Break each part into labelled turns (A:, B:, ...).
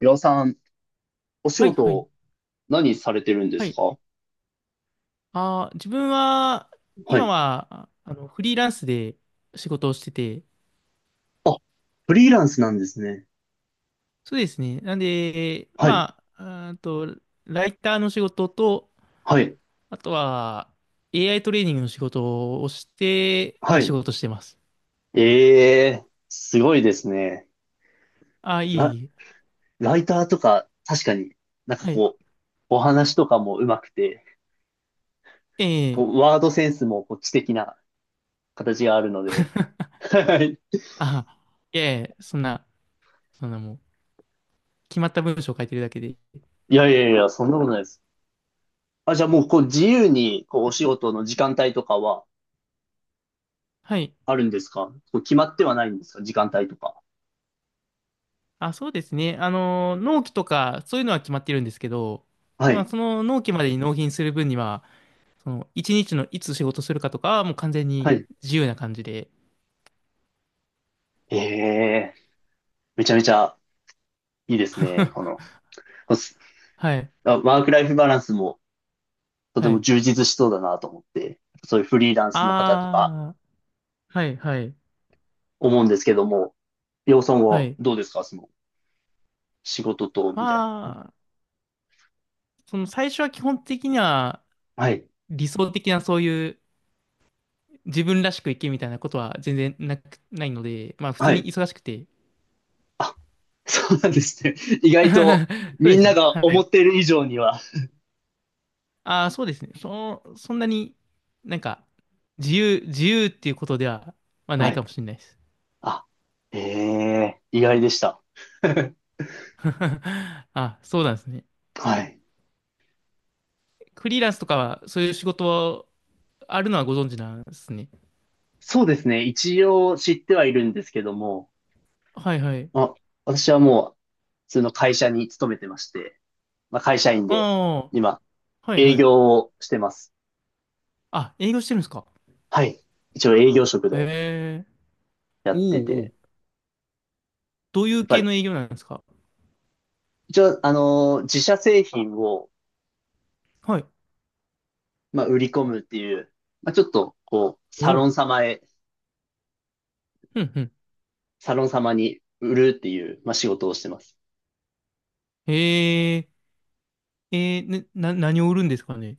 A: 岩尾さん、お仕
B: はい、はい、
A: 事、何されてるんで
B: は
A: す
B: い。
A: か？
B: 自分は、
A: は
B: 今
A: い。
B: は、フリーランスで仕事をしてて、
A: あ、フリーランスなんですね。
B: そうですね。なんで、
A: はい、
B: まあ、あーと、ライターの仕事と、
A: はい、
B: あとは、AI トレーニングの仕事をして、ま
A: は
B: あ、仕
A: い。
B: 事してます。
A: すごいですね。
B: いえい
A: ラ、
B: え、いい
A: ライターとか、確かに、なんか
B: はい。
A: こう、お話とかも上手くて、
B: え
A: こ
B: え
A: う、ワードセンスもこう知的な形があるので。はい。
B: あ、いやいや、そんな、そんなもう、決まった文章を書いてるだけで。
A: いやいやいや、そんなことないです。あ、じゃあもう、こう、自由に、こう、お仕事の時間帯とかは
B: はい。
A: あるんですか？こう、決まってはないんですか？時間帯とか。
B: あ、そうですね。あの、納期とか、そういうのは決まってるんですけど、
A: は
B: まあ、
A: い、
B: その納期までに納品する分には、その、一日のいつ仕事するかとかはもう完全
A: は
B: に
A: い。
B: 自由な感じで。
A: ええめちゃめちゃいいですね。この、こす
B: はい、
A: あ、ワークライフバランスもとて
B: は
A: も
B: い。
A: 充実しそうだなと思って、そういうフリーランスの方とか
B: ああ、はい、はい、
A: 思うんですけども、洋さん
B: は
A: は
B: い。
A: どうですか、その仕事と、
B: ま
A: みたいな。
B: あ、その最初は基本的には
A: はい。
B: 理想的なそういう自分らしく生きみたいなことは全然なく、ないので、まあ普通
A: は
B: に
A: い。
B: 忙しくて。
A: そうなんですね。意外と、
B: そう
A: み
B: で
A: ん
B: す
A: な
B: ね。は
A: が思っ
B: い。
A: ている以上には。
B: ああ、そうですね。そんなになんか自由、自由っていうことでは、まあ、な
A: は
B: いか
A: い。
B: もしれないです。
A: あ、ええ意外でした。
B: あ、そうなんですね。
A: はい。
B: フリーランスとかは、そういう仕事はあるのはご存知なんですね。
A: そうですね。一応知ってはいるんですけども、
B: はいはい。
A: あ、私はもう普通の会社に勤めてまして、まあ、会社員
B: あ
A: で、
B: あ、
A: 今、
B: はい
A: 営
B: はい。
A: 業をしてます。
B: あ、営業してるんですか。
A: はい。一応営業職で
B: へえ。
A: やっ
B: お
A: て
B: うお
A: て、
B: う。どうい
A: やっ
B: う
A: ぱ
B: 系
A: り、
B: の営業なんですか？
A: 一応、自社製品を、
B: はい。
A: まあ、売り込むっていう、まあ、ちょっと、こう、
B: おう。うんうん。
A: サロン様に売るっていう、まあ、仕事をしてます。
B: へえ。えー、ねな、何を売るんですかね？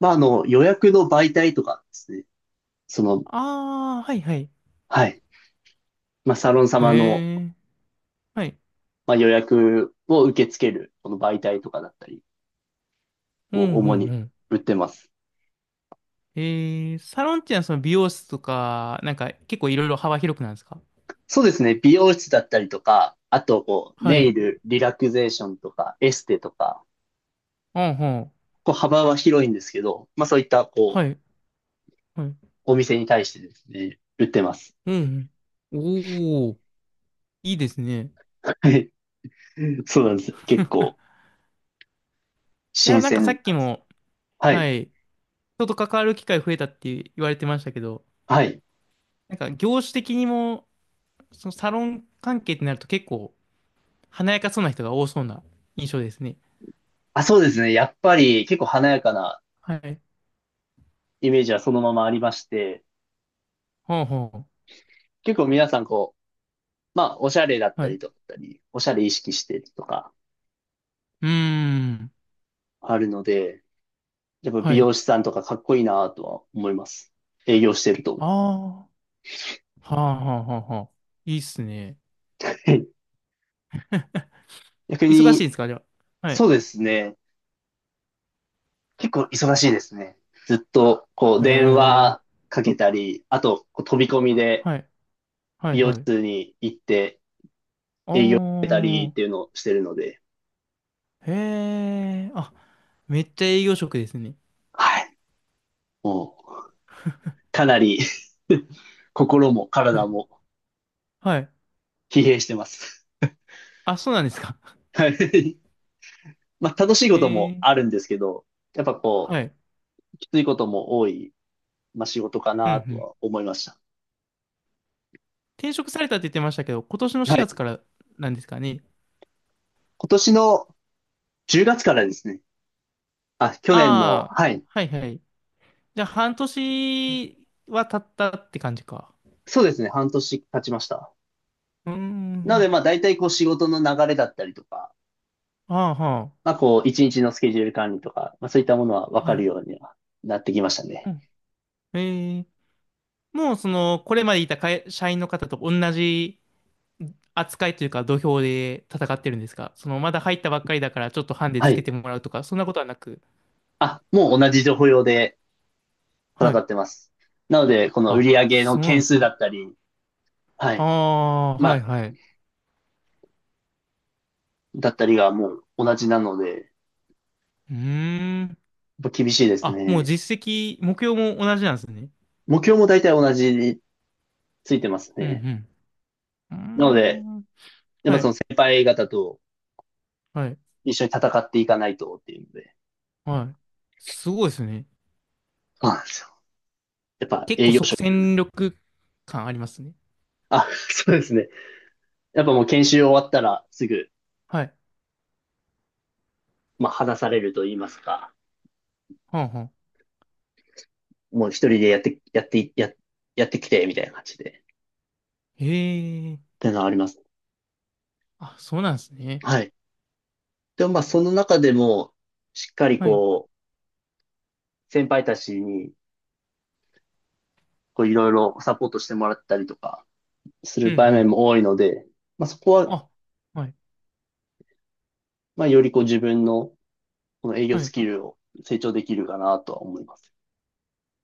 A: まあ、あの、予約の媒体とかですね。その、
B: ああ、はいはい。
A: はい。まあ、サロン様の、
B: へえ。はい。
A: まあ、予約を受け付ける、この媒体とかだったり
B: うん
A: を
B: うん
A: 主に
B: うん。
A: 売ってます。
B: えー、サロンっていうのはその美容室とか、なんか結構いろいろ幅広くなんですか？
A: そうですね。美容室だったりとか、あと、こう、
B: は
A: ネイ
B: い。
A: ル、リラクゼーションとか、エステとか、
B: うんうん。
A: こう、幅は広いんですけど、まあそういった、こう、
B: はい。はい。
A: お店に対してですね、売ってます。
B: うんうん。おお。いいですね。
A: はい。そうなんですよ。結 構、
B: い
A: 新
B: や、なんかさ
A: 鮮。
B: っきも、
A: は
B: は
A: い。
B: い、人と関わる機会増えたって言われてましたけど、
A: はい。
B: なんか業種的にも、そのサロン関係ってなると結構華やかそうな人が多そうな印象ですね。
A: あ、そうですね。やっぱり、結構華やかな
B: はい。
A: イメージはそのままありまして、
B: ほうほ
A: 結構皆さん、こう、まあ、おしゃれだっ
B: う。
A: た
B: はい。
A: り
B: う
A: とか、おしゃれ意識してとか、
B: ーん。
A: あるので、やっぱ美
B: はい。
A: 容師さんとかかっこいいなとは思います。営業してると。
B: ああ。はあはあはあはあ。いいっすね。
A: 逆
B: 忙しいん
A: に、
B: ですか、じゃあ？は
A: そ
B: い。
A: うですね。結構忙しいですね。ずっと、こう、
B: へ
A: 電
B: え。
A: 話かけたり、あと、こう飛び込みで
B: はい。は
A: 美
B: い
A: 容
B: はい。
A: 室に行って
B: あ
A: た
B: あ。
A: りっていうのをしてるので、
B: へえ。あ、めっちゃ営業職ですね。
A: はい。もう、かなり、 心も
B: は
A: 体
B: い。
A: も
B: はい。
A: 疲弊してます。
B: あ、そうなんですか？
A: はい。まあ、楽しいことも
B: ええ
A: あるんですけど、やっぱこ
B: はい。
A: う、きついことも多い、まあ、仕事か
B: うんう
A: なと
B: ん。
A: は思いました。
B: 転職されたって言ってましたけど、今年の
A: は
B: 4月
A: い。
B: からなんですかね？
A: 今年の10月からですね。あ、去年の、
B: ああ、
A: はい。
B: はいはい。じゃあ、半年は経ったって感じか。
A: そうですね、半年経ちました。
B: うー
A: なので、
B: ん。
A: まあ、大体こう仕事の流れだったりとか、
B: ああ、は
A: まあ、こう、一日のスケジュール管理とか、まあ、そういったものは
B: あ。
A: 分か
B: は
A: るよ
B: い。
A: うにはなってきましたね。
B: うん。ええもう、その、これまでいた会社員の方と同じ扱いというか、土俵で戦ってるんですか？その、まだ入ったばっかりだから、ちょっとハンデ
A: は
B: つけて
A: い。
B: もらうとか、そんなことはなく。
A: あ、もう同じ情報用で
B: は
A: 戦
B: い。
A: ってます。なので、この売
B: あ、
A: り上げの
B: そうなん
A: 件
B: です
A: 数だ
B: ね。
A: ったり、は
B: あ
A: い。
B: あ、
A: ま
B: はい
A: あ、
B: はい。
A: だったりがもう同じなので、やっ
B: うーん。
A: ぱ厳しいです
B: あ、もう
A: ね。
B: 実績、目標も同じなんですね。
A: 目標も大体同じについてます
B: う
A: ね。
B: んう
A: なので、
B: ん。うーん。
A: やっぱ
B: は
A: そ
B: い、
A: の先輩方と
B: はい、
A: 一緒に戦っていかないとっていうので、
B: はい。すごいですね。
A: そうなんですよ。やっぱ
B: 結
A: 営
B: 構
A: 業
B: 即
A: 所
B: 戦力感ありますね。
A: あ、そうですね。やっぱもう研修終わったらすぐ、
B: はい。
A: まあ、話されると言いますか、
B: はんはん。
A: もう一人でやって、やってきて、みたいな感じで、っ
B: へえ。
A: ていうのはあります。
B: あ、そうなんですね。
A: はい。でもまあ、その中でも、しっかり
B: はい。
A: こう、先輩たちに、こう、いろいろサポートしてもらったりとか、す
B: う
A: る
B: んう
A: 場面
B: ん。
A: も多いので、まあ、そこは、
B: あ、はい、
A: まあ、よりこう、自分の、この営業
B: は
A: ス
B: い。
A: キルを成長できるかなとは思います。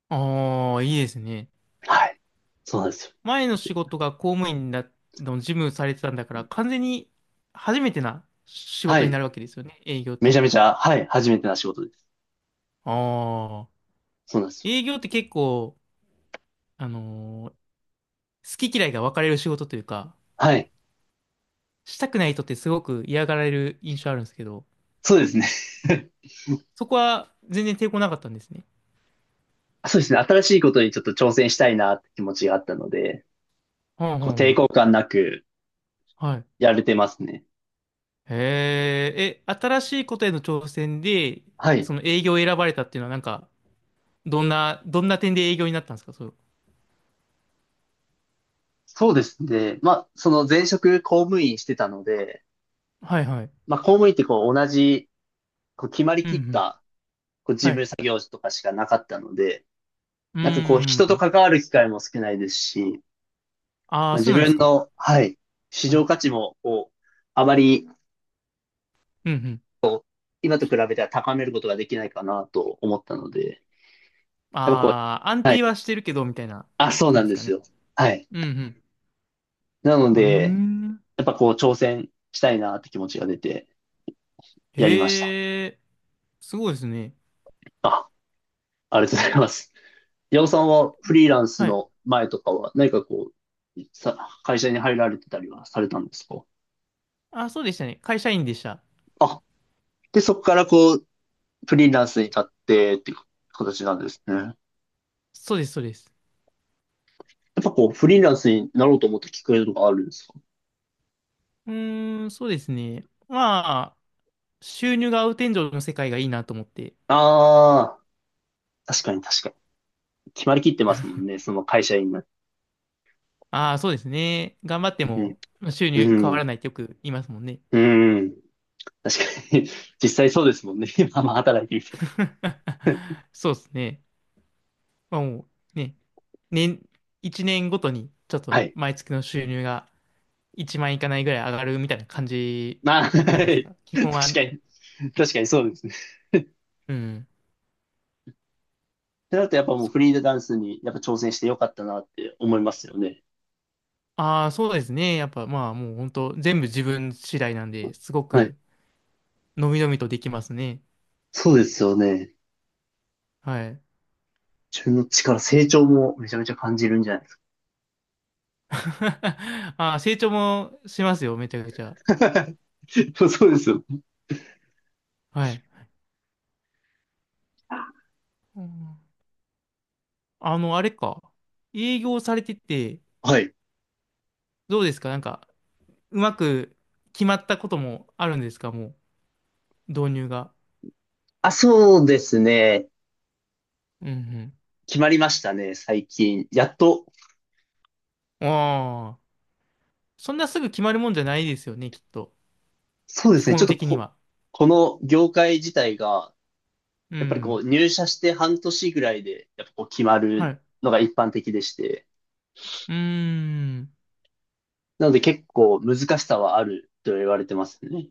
B: ああ、いいですね。
A: はい。そうなんですよ。
B: 前の仕事が公務員だ、の事務されてたんだから、完全に初めてな仕
A: は
B: 事にな
A: い。
B: るわけですよね。営業っ
A: めち
B: て。
A: ゃめちゃ、はい。初めてな仕事です。
B: ああ。
A: そうなんですよ。
B: 営業って結構、あのー好き嫌いが分かれる仕事というか、
A: はい。
B: したくない人ってすごく嫌がられる印象あるんですけど、
A: そうですね。
B: そこは全然抵抗なかったんですね。
A: そうですね。新しいことにちょっと挑戦したいなって気持ちがあったので、
B: はんは
A: こう
B: んは
A: 抵
B: ん。
A: 抗感なく
B: はい。
A: やれてますね。
B: へえ、え、新しいことへの挑戦で、
A: はい。
B: その営業を選ばれたっていうのはなんか、どんな点で営業になったんですか？そう。
A: そうですね。まあ、その前職公務員してたので、
B: はいはい。
A: まあ、公務員ってこう同じ、こう決まり
B: うんう
A: きっ
B: ん。
A: たこう事
B: はい。
A: 務作業とかしかなかったので、
B: うー
A: なんかこう人と
B: ん。
A: 関わる機会も少ないですし、
B: あ
A: ま
B: あ、
A: あ、
B: そ
A: 自
B: うなんです
A: 分
B: か？
A: の、はい、市
B: は
A: 場
B: い。
A: 価値もこう、あまり
B: うんうん。
A: 今と比べては高めることができないかなと思ったので、やっぱこう、
B: ああ、安
A: はい、
B: 定はしてるけど、みたいな
A: あ、そう
B: 感
A: なん
B: じです
A: で
B: か
A: す
B: ね？
A: よ。はい。
B: うん
A: なの
B: うん。う
A: で、
B: ーん。
A: やっぱこう挑戦したいなって気持ちが出てやりました。
B: へえ、すごいですね。
A: あ、ありがとうございます。ヤ尾さんはフリーランス
B: はい。
A: の前とかは何かこう、会社に入られてたりはされたんですか？
B: あ、そうでしたね。会社員でした。
A: あ、で、そこからこう、フリーランスに立ってっていう形なんですね。や
B: そうです、そうです。
A: っぱこう、フリーランスになろうと思ったきっかけとかあるんですか？
B: うーん、そうですね。まあ、収入が合う天井の世界がいいなと思って。
A: ああー、確かに。決まりきってますもんね、その会社員が。
B: ああ、そうですね。頑張って
A: うん、
B: も収入
A: う
B: 変わら
A: ん、
B: ないってよく言いますもんね。
A: うん。確かに。実際そうですもんね。今、まあ働いてみて。
B: そうですね。まあもうね、年、1年ごとにちょっと
A: はい。
B: 毎月の収入が1万いかないぐらい上がるみたいな感 じ
A: まあ、確
B: じゃな
A: か
B: いですか。基
A: に、
B: 本は、
A: 確かにそうですね。っ
B: うん。
A: てなるとやっぱもうフリーダンスにやっぱ挑戦してよかったなって思いますよね。
B: ああ、そうですね。やっぱまあもう本当全部自分次第なんで、すご
A: はい。
B: くのびのびとできますね。
A: そうですよね。
B: はい。
A: 自分の力、成長もめちゃめちゃ感じるんじゃないですか。
B: あ、成長もしますよ、めちゃくちゃ。
A: そうですよ。
B: はい。うんあの、あれか。営業されてて、
A: はい。
B: どうですかなんか、うまく決まったこともあるんですか？もう、導入が。
A: あ、そうですね。
B: うん
A: 決まりましたね、最近。やっと、
B: うん。ああ、そんなすぐ決まるもんじゃないですよね、きっと。
A: そうで
B: 基
A: すね。ちょ
B: 本
A: っと
B: 的に
A: こ、
B: は。
A: この業界自体が、
B: う
A: やっぱりこ
B: ん。
A: う入社して半年ぐらいで、やっぱこう決ま
B: は
A: る
B: い。
A: のが一般的でして。
B: うーん。
A: なので結構難しさはあると言われてますね。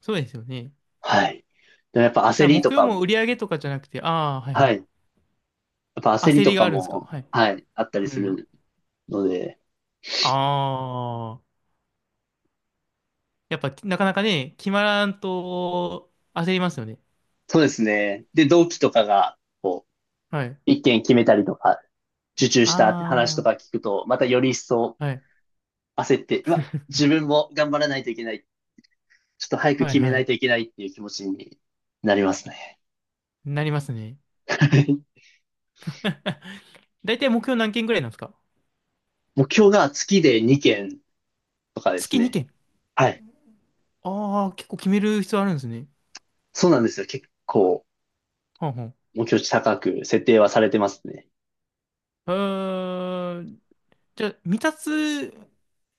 B: そうですよね。だ
A: はい。でもやっぱ
B: か
A: 焦
B: ら
A: り
B: 目
A: と
B: 標
A: か、
B: も売り上げとかじゃなくて、ああ、はいは
A: は
B: い。
A: い。やっぱ焦り
B: 焦
A: と
B: りが
A: か
B: あるんですか？
A: も、
B: はい。
A: はい、あったり
B: う
A: す
B: ん。
A: るので、
B: あやっぱ、なかなかね、決まらんと焦りますよね。
A: そうですね。で、同期とかが、こ
B: はい。
A: う、一件決めたりとか、受注したって話と
B: あ
A: か聞くと、またより一層
B: あ、はい。
A: 焦って、うわ、自分も頑張らないといけない。ちょっと早く
B: はい
A: 決め
B: は
A: ない
B: い。
A: といけないっていう気持ちになりますね。
B: なりますね。だいたい目標何件ぐらいなんですか？
A: 目標が月で2件とかです
B: 月
A: ね。
B: 2件。
A: はい。
B: ああ、結構決める必要あるんですね。
A: そうなんですよ。結構。
B: はんはん。
A: 目標値高く設定はされてますね。
B: えー、じゃあ、未達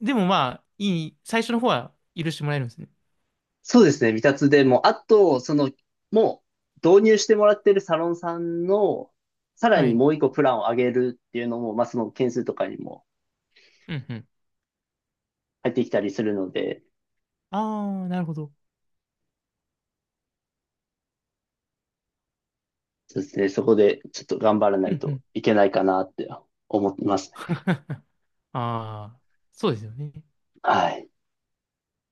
B: でもまあ、いい、最初の方は許してもらえるんですね。
A: そうですね、未達でも、あと、その、もう導入してもらってるサロンさんの、さら
B: は
A: に
B: い。
A: もう一個プランを上げるっていうのも、まあ、その件数とかにも
B: うんうん。
A: 入ってきたりするので、
B: ああ、なるほど。
A: そうですね、そこでちょっと頑張らな
B: う
A: い
B: んう
A: と
B: ん。
A: いけないかなって思ってますね。
B: ああ、そうですよね。
A: はい。